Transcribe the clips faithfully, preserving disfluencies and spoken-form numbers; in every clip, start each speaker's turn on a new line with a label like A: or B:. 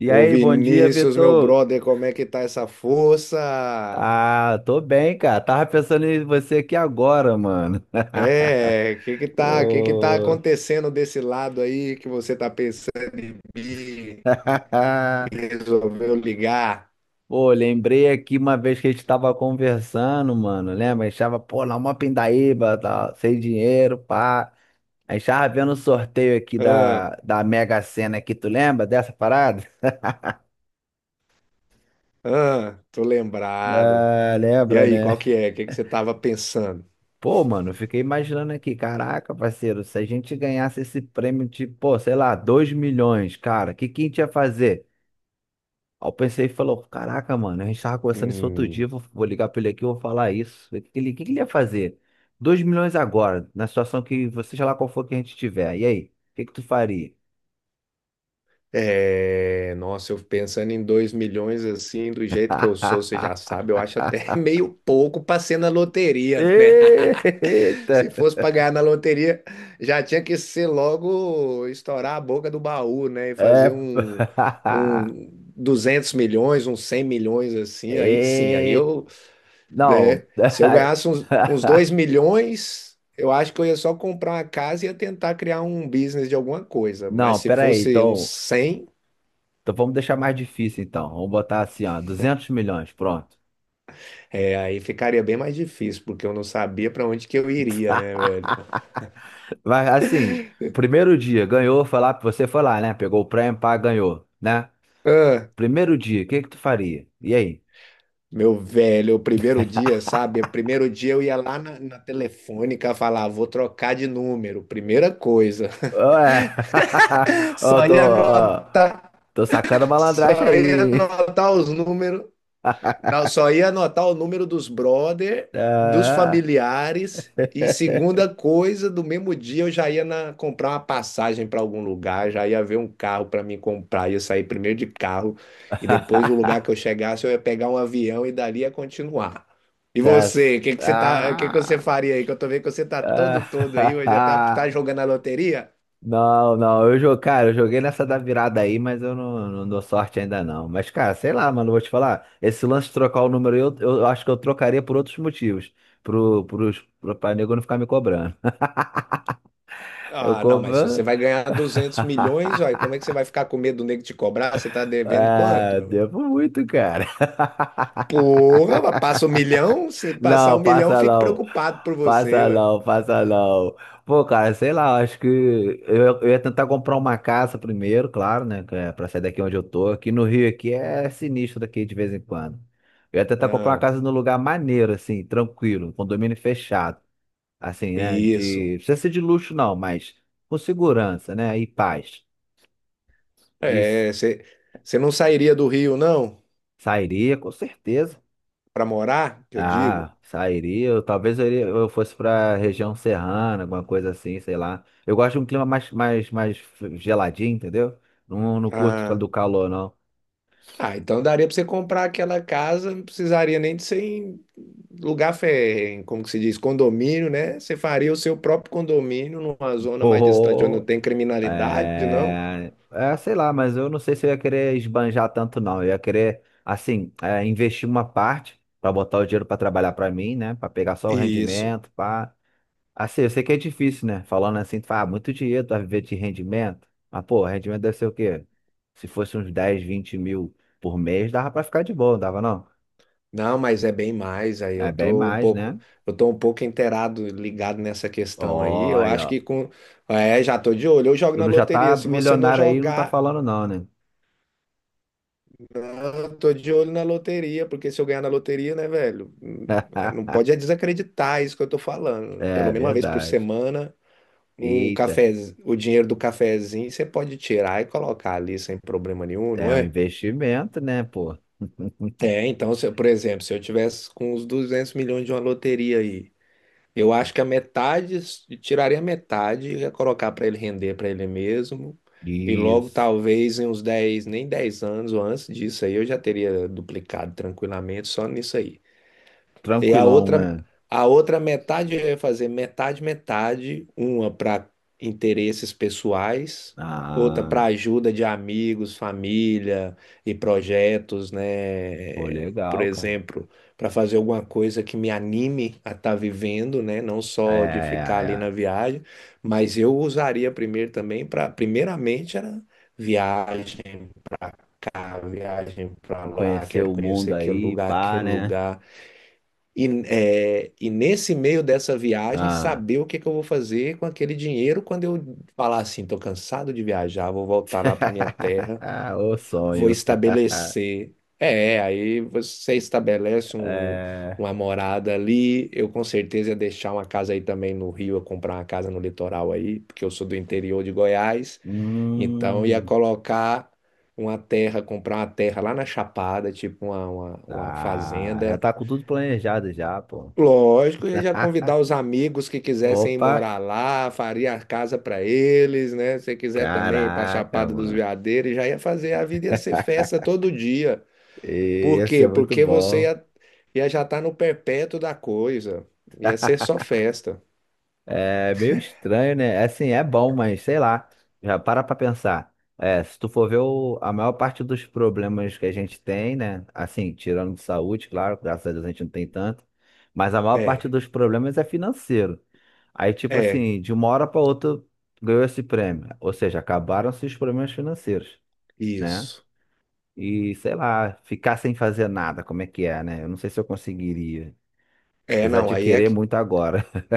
A: E
B: Ô
A: aí, bom dia,
B: Vinícius, meu
A: Vitor.
B: brother, como é que tá essa força?
A: Ah, tô bem, cara. Tava pensando em você aqui agora, mano.
B: É, que que tá, que que tá
A: Pô,
B: acontecendo desse lado aí que você tá pensando em e resolveu ligar?
A: Pô, lembrei aqui uma vez que a gente tava conversando, mano. Lembra? A gente tava, pô, na uma pindaíba, tá, sem dinheiro, pá. A gente tava vendo o sorteio aqui da,
B: Ah,
A: da Mega Sena aqui, tu lembra dessa parada?
B: ah, tô lembrado.
A: Ah,
B: E
A: lembra,
B: aí,
A: né?
B: qual que é? O que que você tava pensando?
A: Pô, mano, eu fiquei imaginando aqui, caraca, parceiro, se a gente ganhasse esse prêmio de, pô, sei lá, dois milhões, cara, o que que a gente ia fazer? Aí eu pensei e falou, caraca, mano, a gente tava conversando isso outro dia,
B: Hum.
A: vou, vou ligar pra ele aqui, vou falar isso. O que que ele, o que que ele ia fazer? Dois milhões agora, na situação que você, sei lá qual for que a gente tiver. E aí, o que que tu faria?
B: É, nossa, eu pensando em dois milhões assim, do jeito que eu sou, você já sabe, eu acho até meio pouco pra ser na loteria, né?
A: Eita!
B: Se fosse pra ganhar na loteria, já tinha que ser logo estourar a boca do baú, né? E
A: É.
B: fazer um, um 200 milhões, uns cem milhões assim, aí sim, aí
A: E...
B: eu,
A: Não.
B: né? Se eu ganhasse uns, uns 2 milhões, eu acho que eu ia só comprar uma casa e ia tentar criar um business de alguma coisa,
A: Não,
B: mas se
A: peraí,
B: fosse uns
A: então.
B: cem.
A: Então vamos deixar mais difícil, então. Vamos botar assim, ó, duzentos milhões, pronto.
B: É, aí ficaria bem mais difícil, porque eu não sabia para onde que eu iria, né, velho?
A: Mas assim, o primeiro dia ganhou, foi lá, você foi lá, né? Pegou o prêmio, pá, ganhou, né?
B: Ah,
A: Primeiro dia, o que que tu faria? E aí?
B: meu velho, o primeiro dia, sabe? O primeiro dia eu ia lá na, na telefônica falar, vou trocar de número, primeira coisa.
A: Ué, eu
B: Só
A: tô,
B: ia
A: ó,
B: anotar,
A: tô sacando malandragem
B: só ia
A: aí.
B: anotar os números. Não, só ia anotar o número dos brother, dos
A: Ah.
B: familiares, e segunda coisa, do mesmo dia eu já ia na- comprar uma passagem para algum lugar, já ia ver um carro para mim comprar, ia sair primeiro de carro e depois o lugar que eu chegasse eu ia pegar um avião e dali ia continuar. E
A: Tá.
B: você, o que que você tá, o que que você
A: Ah.
B: faria aí? Que eu tô vendo que você tá todo todo aí, hoje já tá, tá
A: Ah.
B: jogando a loteria?
A: Não, não, eu joguei, cara, eu joguei nessa da virada aí, mas eu não, não dou sorte ainda não. Mas, cara, sei lá, mano, eu vou te falar, esse lance de trocar o número aí, eu, eu acho que eu trocaria por outros motivos, pro, pros, pro, pra nego não ficar me cobrando. Eu
B: Ah, não, mas se você
A: cobro.
B: vai ganhar duzentos milhões, aí como é que você vai ficar com medo do nego te cobrar? Você tá devendo quanto,
A: Ah,
B: meu?
A: devo muito, cara.
B: Porra, mas passa um milhão? Se passar
A: Não,
B: um milhão, eu
A: passa
B: fico
A: não.
B: preocupado por você,
A: Passa
B: ué.
A: não, passa não. Pô, cara, sei lá, acho que eu, eu ia tentar comprar uma casa primeiro, claro, né? Que é pra sair daqui onde eu tô. Aqui no Rio aqui é sinistro daqui de vez em quando. Eu ia tentar comprar uma
B: Ah,
A: casa num lugar maneiro, assim, tranquilo, um condomínio fechado. Assim, né? De.
B: isso.
A: Não precisa ser de luxo, não, mas com segurança, né? E paz. Isso.
B: É, você você não sairia do Rio, não?
A: Sairia, com certeza.
B: Pra morar, que eu digo?
A: Ah, sairia. Eu, talvez eu, iria- eu fosse pra região serrana, alguma coisa assim, sei lá. Eu gosto de um clima mais, mais, mais geladinho, entendeu? Não, não curto
B: Ah,
A: do calor, não.
B: ah, então daria pra você comprar aquela casa, não precisaria nem de ser em lugar, fe- como que se diz, condomínio, né? Você faria o seu próprio condomínio numa zona mais distante, onde não
A: Oh,
B: tem criminalidade, não?
A: é, é, sei lá, mas eu não sei se eu ia querer esbanjar tanto, não. Eu ia querer, assim, é, investir uma parte para botar o dinheiro para trabalhar para mim, né? Para pegar só o
B: Isso.
A: rendimento, pá. Assim, eu sei que é difícil, né? Falando assim, tu fala, ah, muito dinheiro, tu vai viver de rendimento. Mas, pô, rendimento deve ser o quê? Se fosse uns dez, vinte mil por mês, dava pra ficar de boa, não dava não?
B: Não, mas é bem mais. Aí
A: É
B: eu
A: bem
B: tô um
A: mais,
B: pouco,
A: né?
B: eu tô um pouco inteirado, ligado nessa questão aí. Eu acho
A: Olha, ó.
B: que com, é, já tô de olho. Eu jogo
A: Tu
B: na
A: não já tá
B: loteria. Se você não
A: milionário aí, e não tá
B: jogar,
A: falando não, né?
B: não, eu tô de olho na loteria, porque se eu ganhar na loteria, né, velho, hum, não pode é desacreditar isso que eu tô falando.
A: É
B: Pelo menos uma vez por
A: verdade.
B: semana, um
A: Eita,
B: café, o dinheiro do cafezinho você pode tirar e colocar ali sem problema nenhum, não
A: é um
B: é?
A: investimento, né, pô?
B: É, então, se eu- por exemplo, se eu tivesse com uns duzentos milhões de uma loteria aí. Eu acho que a metade, tiraria a metade e ia colocar para ele render para ele mesmo. E logo,
A: Isso.
B: talvez, em uns dez nem dez anos ou antes disso aí, eu já teria duplicado tranquilamente só nisso aí. E a
A: Tranquilão,
B: outra,
A: né?
B: a outra metade eu ia fazer metade, metade, uma para interesses pessoais, outra
A: Ah,
B: para ajuda de amigos, família e projetos,
A: pô,
B: né? Por
A: legal, cara.
B: exemplo, para fazer alguma coisa que me anime a estar vivendo, né? Não
A: É,
B: só de ficar ali
A: é,
B: na
A: é.
B: viagem, mas eu usaria primeiro também para, primeiramente era viagem, cara, viagem para lá,
A: Conhecer
B: quero
A: o
B: conhecer
A: mundo
B: aquele
A: aí,
B: lugar,
A: pá,
B: aquele
A: né?
B: lugar. E, é, e nesse meio dessa viagem,
A: Ah.
B: saber o que que eu vou fazer com aquele dinheiro quando eu falar assim, tô cansado de viajar, vou voltar lá para minha terra,
A: O
B: vou
A: sonho.
B: estabelecer. É, aí você estabelece um,
A: É.
B: uma morada ali. Eu com certeza ia deixar uma casa aí também no Rio, eu comprar uma casa no litoral aí, porque eu sou do interior de Goiás. Então ia
A: Hum.
B: colocar uma terra, comprar uma terra lá na Chapada, tipo uma, uma uma
A: Tá. Já
B: fazenda.
A: tá com tudo planejado já, pô.
B: Lógico, ia já convidar os amigos que quisessem ir
A: Opa!
B: morar lá, faria a casa para eles, né? Se quiser também ir para
A: Caraca,
B: Chapada dos
A: mano.
B: Veadeiros, já ia fazer a vida, ia ser festa todo dia.
A: E
B: Por
A: ia ser
B: quê?
A: muito
B: Porque você
A: bom.
B: ia, ia já estar no perpétuo da coisa. Ia ser só festa.
A: É meio estranho, né? Assim, é bom, mas sei lá. Já para pra pensar. É, se tu for ver o- a maior parte dos problemas que a gente tem, né? Assim, tirando de saúde, claro, graças a Deus a gente não tem tanto. Mas a maior parte
B: É,
A: dos problemas é financeiro. Aí, tipo
B: é,
A: assim, de uma hora para outra ganhou esse prêmio. Ou seja, acabaram-se os problemas financeiros, né?
B: isso.
A: E sei lá, ficar sem fazer nada, como é que é, né? Eu não sei se eu conseguiria,
B: É,
A: apesar
B: não,
A: de
B: aí é.
A: querer muito agora.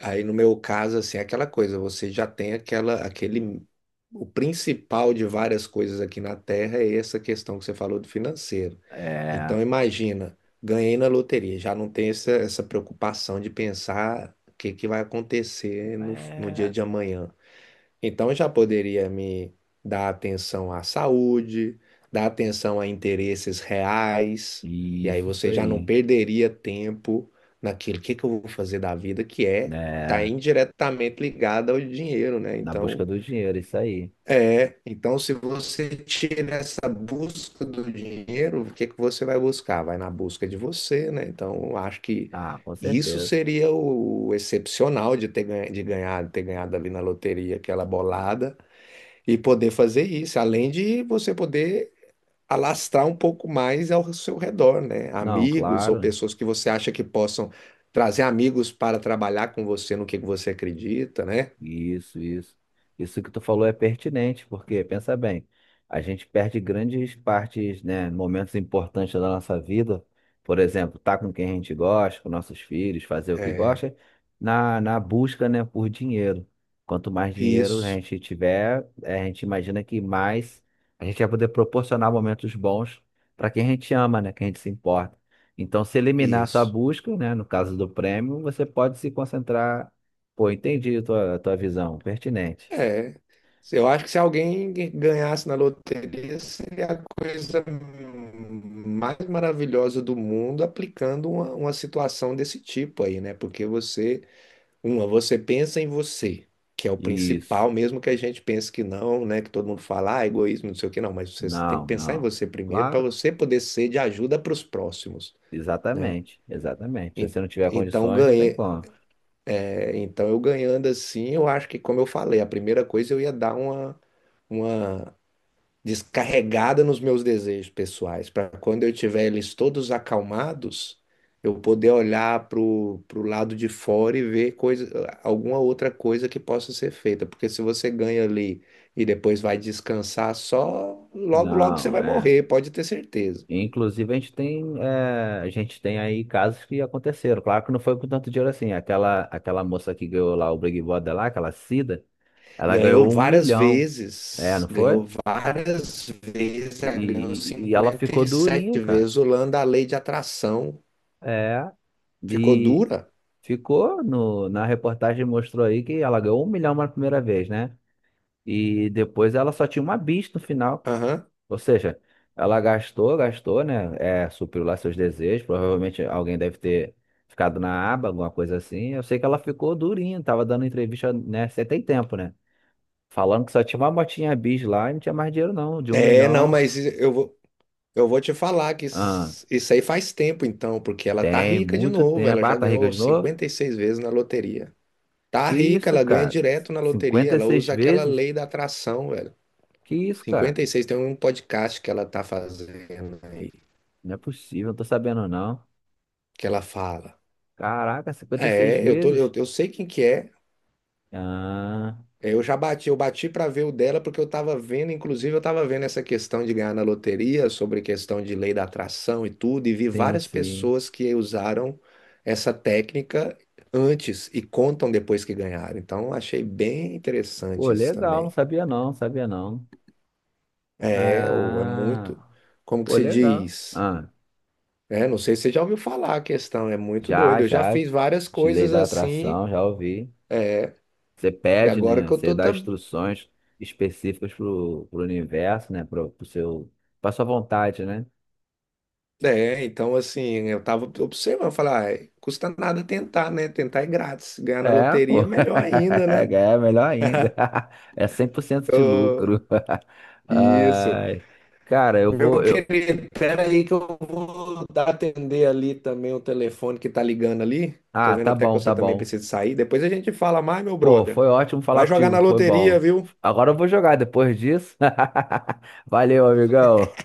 B: Aí no meu caso, assim, é aquela coisa, você já tem aquela, aquele, o principal de várias coisas aqui na Terra é essa questão que você falou do financeiro.
A: É,
B: Então imagina, ganhei na loteria, já não tem essa, essa preocupação de pensar o que que vai acontecer no, no dia
A: é,
B: de amanhã. Então já poderia me dar atenção à saúde, dar atenção a interesses reais, e aí
A: isso, isso
B: você já não
A: aí,
B: perderia tempo naquilo que que eu vou fazer da vida, que é tá
A: né?
B: indiretamente ligado ao dinheiro, né?
A: Na busca
B: Então,
A: do dinheiro, isso aí.
B: é, então se você tira essa busca do dinheiro, o que que você vai buscar? Vai na busca de você, né? Então, eu acho que
A: Ah, com
B: isso
A: certeza.
B: seria o excepcional de ter ganha- de ganhado, ter ganhado ali na loteria aquela bolada. E poder fazer isso, além de você poder alastrar um pouco mais ao seu redor, né?
A: Não,
B: Amigos ou
A: claro.
B: pessoas que você acha que possam trazer amigos para trabalhar com você no que você acredita, né?
A: Isso, isso. Isso que tu falou é pertinente, porque, pensa bem, a gente perde grandes partes, né, momentos importantes da nossa vida, por exemplo, estar com quem a gente gosta, com nossos filhos, fazer o que
B: É,
A: gosta, na, na busca, né, por dinheiro. Quanto mais dinheiro a
B: isso,
A: gente tiver, eh, a gente imagina que mais a gente vai poder proporcionar momentos bons para quem a gente ama, né, quem a gente se importa. Então, se eliminar essa
B: isso.
A: busca, né, no caso do prêmio, você pode se concentrar. Pô, entendi a tua, a tua visão, pertinente.
B: É. Se- Eu acho que se alguém ganhasse na loteria, seria a coisa mais maravilhosa do mundo aplicando uma, uma situação desse tipo aí, né? Porque você Uma, você pensa em você, que é o
A: Isso.
B: principal, mesmo que a gente pense que não, né? Que todo mundo fala, ah, egoísmo, não sei o que, não. Mas você, você tem que
A: Não,
B: pensar em
A: não.
B: você primeiro para
A: Claro,
B: você poder ser de ajuda para os próximos, né?
A: exatamente, exatamente. Se
B: En-
A: você não tiver
B: Então,
A: condições, não tem
B: ganhei,
A: como.
B: é, então eu ganhando assim, eu acho que, como eu falei, a primeira coisa eu ia dar uma, uma descarregada nos meus desejos pessoais, para quando eu tiver eles todos acalmados, eu poder olhar para o lado de fora e ver coisa, alguma outra coisa que possa ser feita. Porque se você ganha ali e depois vai descansar só, logo, logo você
A: Não,
B: vai
A: é.
B: morrer, pode ter certeza.
A: Inclusive, a gente tem, é, a gente tem aí casos que aconteceram. Claro que não foi com tanto dinheiro assim. Aquela, aquela moça que ganhou lá o Big Brother lá, aquela Cida, ela
B: Ganhou
A: ganhou um
B: várias
A: milhão. É,
B: vezes.
A: não foi?
B: Ganhou várias vezes,
A: E,
B: ela ganhou
A: e e ela
B: cinquenta
A: ficou
B: e
A: durinha,
B: sete
A: cara.
B: vezes, usando a lei de atração.
A: É.
B: Ficou
A: E,
B: dura?
A: Ficou no, na reportagem mostrou aí que ela ganhou um milhão na primeira vez, né? E depois ela só tinha uma bis no final.
B: Aham.
A: Ou seja, ela gastou, gastou, né? É, supriu lá seus desejos. Provavelmente alguém deve ter ficado na aba, alguma coisa assim. Eu sei que ela ficou durinha, tava dando entrevista, né? Você tem tempo, né? Falando que só tinha uma motinha bis lá e não tinha mais dinheiro, não. De um
B: É, não,
A: milhão.
B: mas eu vou, Eu vou te falar que isso
A: Ah,
B: isso aí faz tempo então, porque ela tá
A: tem
B: rica de
A: muito
B: novo, ela
A: tempo. Ah,
B: já
A: tá rica
B: ganhou
A: de novo?
B: cinquenta e seis vezes na loteria. Tá
A: Que
B: rica,
A: isso,
B: ela ganha
A: cara?
B: direto na loteria,
A: Cinquenta e
B: ela
A: seis
B: usa aquela
A: vezes?
B: lei da atração, velho.
A: Que isso,
B: cinquenta
A: cara?
B: e seis Tem um podcast que ela tá fazendo aí,
A: Não é possível, não tô sabendo não.
B: que ela fala.
A: Caraca, cinquenta e seis
B: É, eu tô, eu,
A: vezes?
B: eu sei quem que é.
A: Ah,
B: É, Eu já bati, eu bati para ver o dela porque eu estava vendo, inclusive eu estava vendo essa questão de ganhar na loteria, sobre questão de lei da atração e tudo, e vi
A: sim,
B: várias
A: sim.
B: pessoas que usaram essa técnica antes e contam depois que ganharam. Então achei bem
A: Pô,
B: interessante isso
A: legal, não
B: também.
A: sabia não, sabia não.
B: É, ou é muito,
A: Ah,
B: como que
A: pô,
B: se
A: legal.
B: diz?
A: Ah,
B: É, não sei se você já ouviu falar a questão, é muito
A: já,
B: doido. Eu já
A: já,
B: fiz várias
A: de lei
B: coisas
A: da
B: assim,
A: atração, já ouvi. Você
B: e
A: pede,
B: agora
A: né?
B: que eu
A: Você
B: tô
A: dá
B: tá
A: instruções específicas pro, pro universo, né? Pro, pro seu, pra sua vontade, né?
B: É, então assim, eu tava observando, falar, ah, custa nada tentar, né? Tentar é grátis. Ganhar na
A: É, pô.
B: loteria é melhor ainda, né?
A: É melhor ainda. É cem por cento de lucro.
B: Isso.
A: Ai, cara, eu vou.
B: Meu
A: Eu...
B: querido, pera aí que eu vou dar- atender ali também o telefone que tá ligando ali. Tô
A: Ah,
B: vendo
A: tá
B: até que
A: bom, tá
B: você também
A: bom.
B: precisa sair. Depois a gente fala mais, meu
A: Pô,
B: brother.
A: foi ótimo falar
B: Vai jogar
A: contigo,
B: na
A: foi
B: loteria,
A: bom.
B: viu?
A: Agora eu vou jogar depois disso. Valeu, amigão.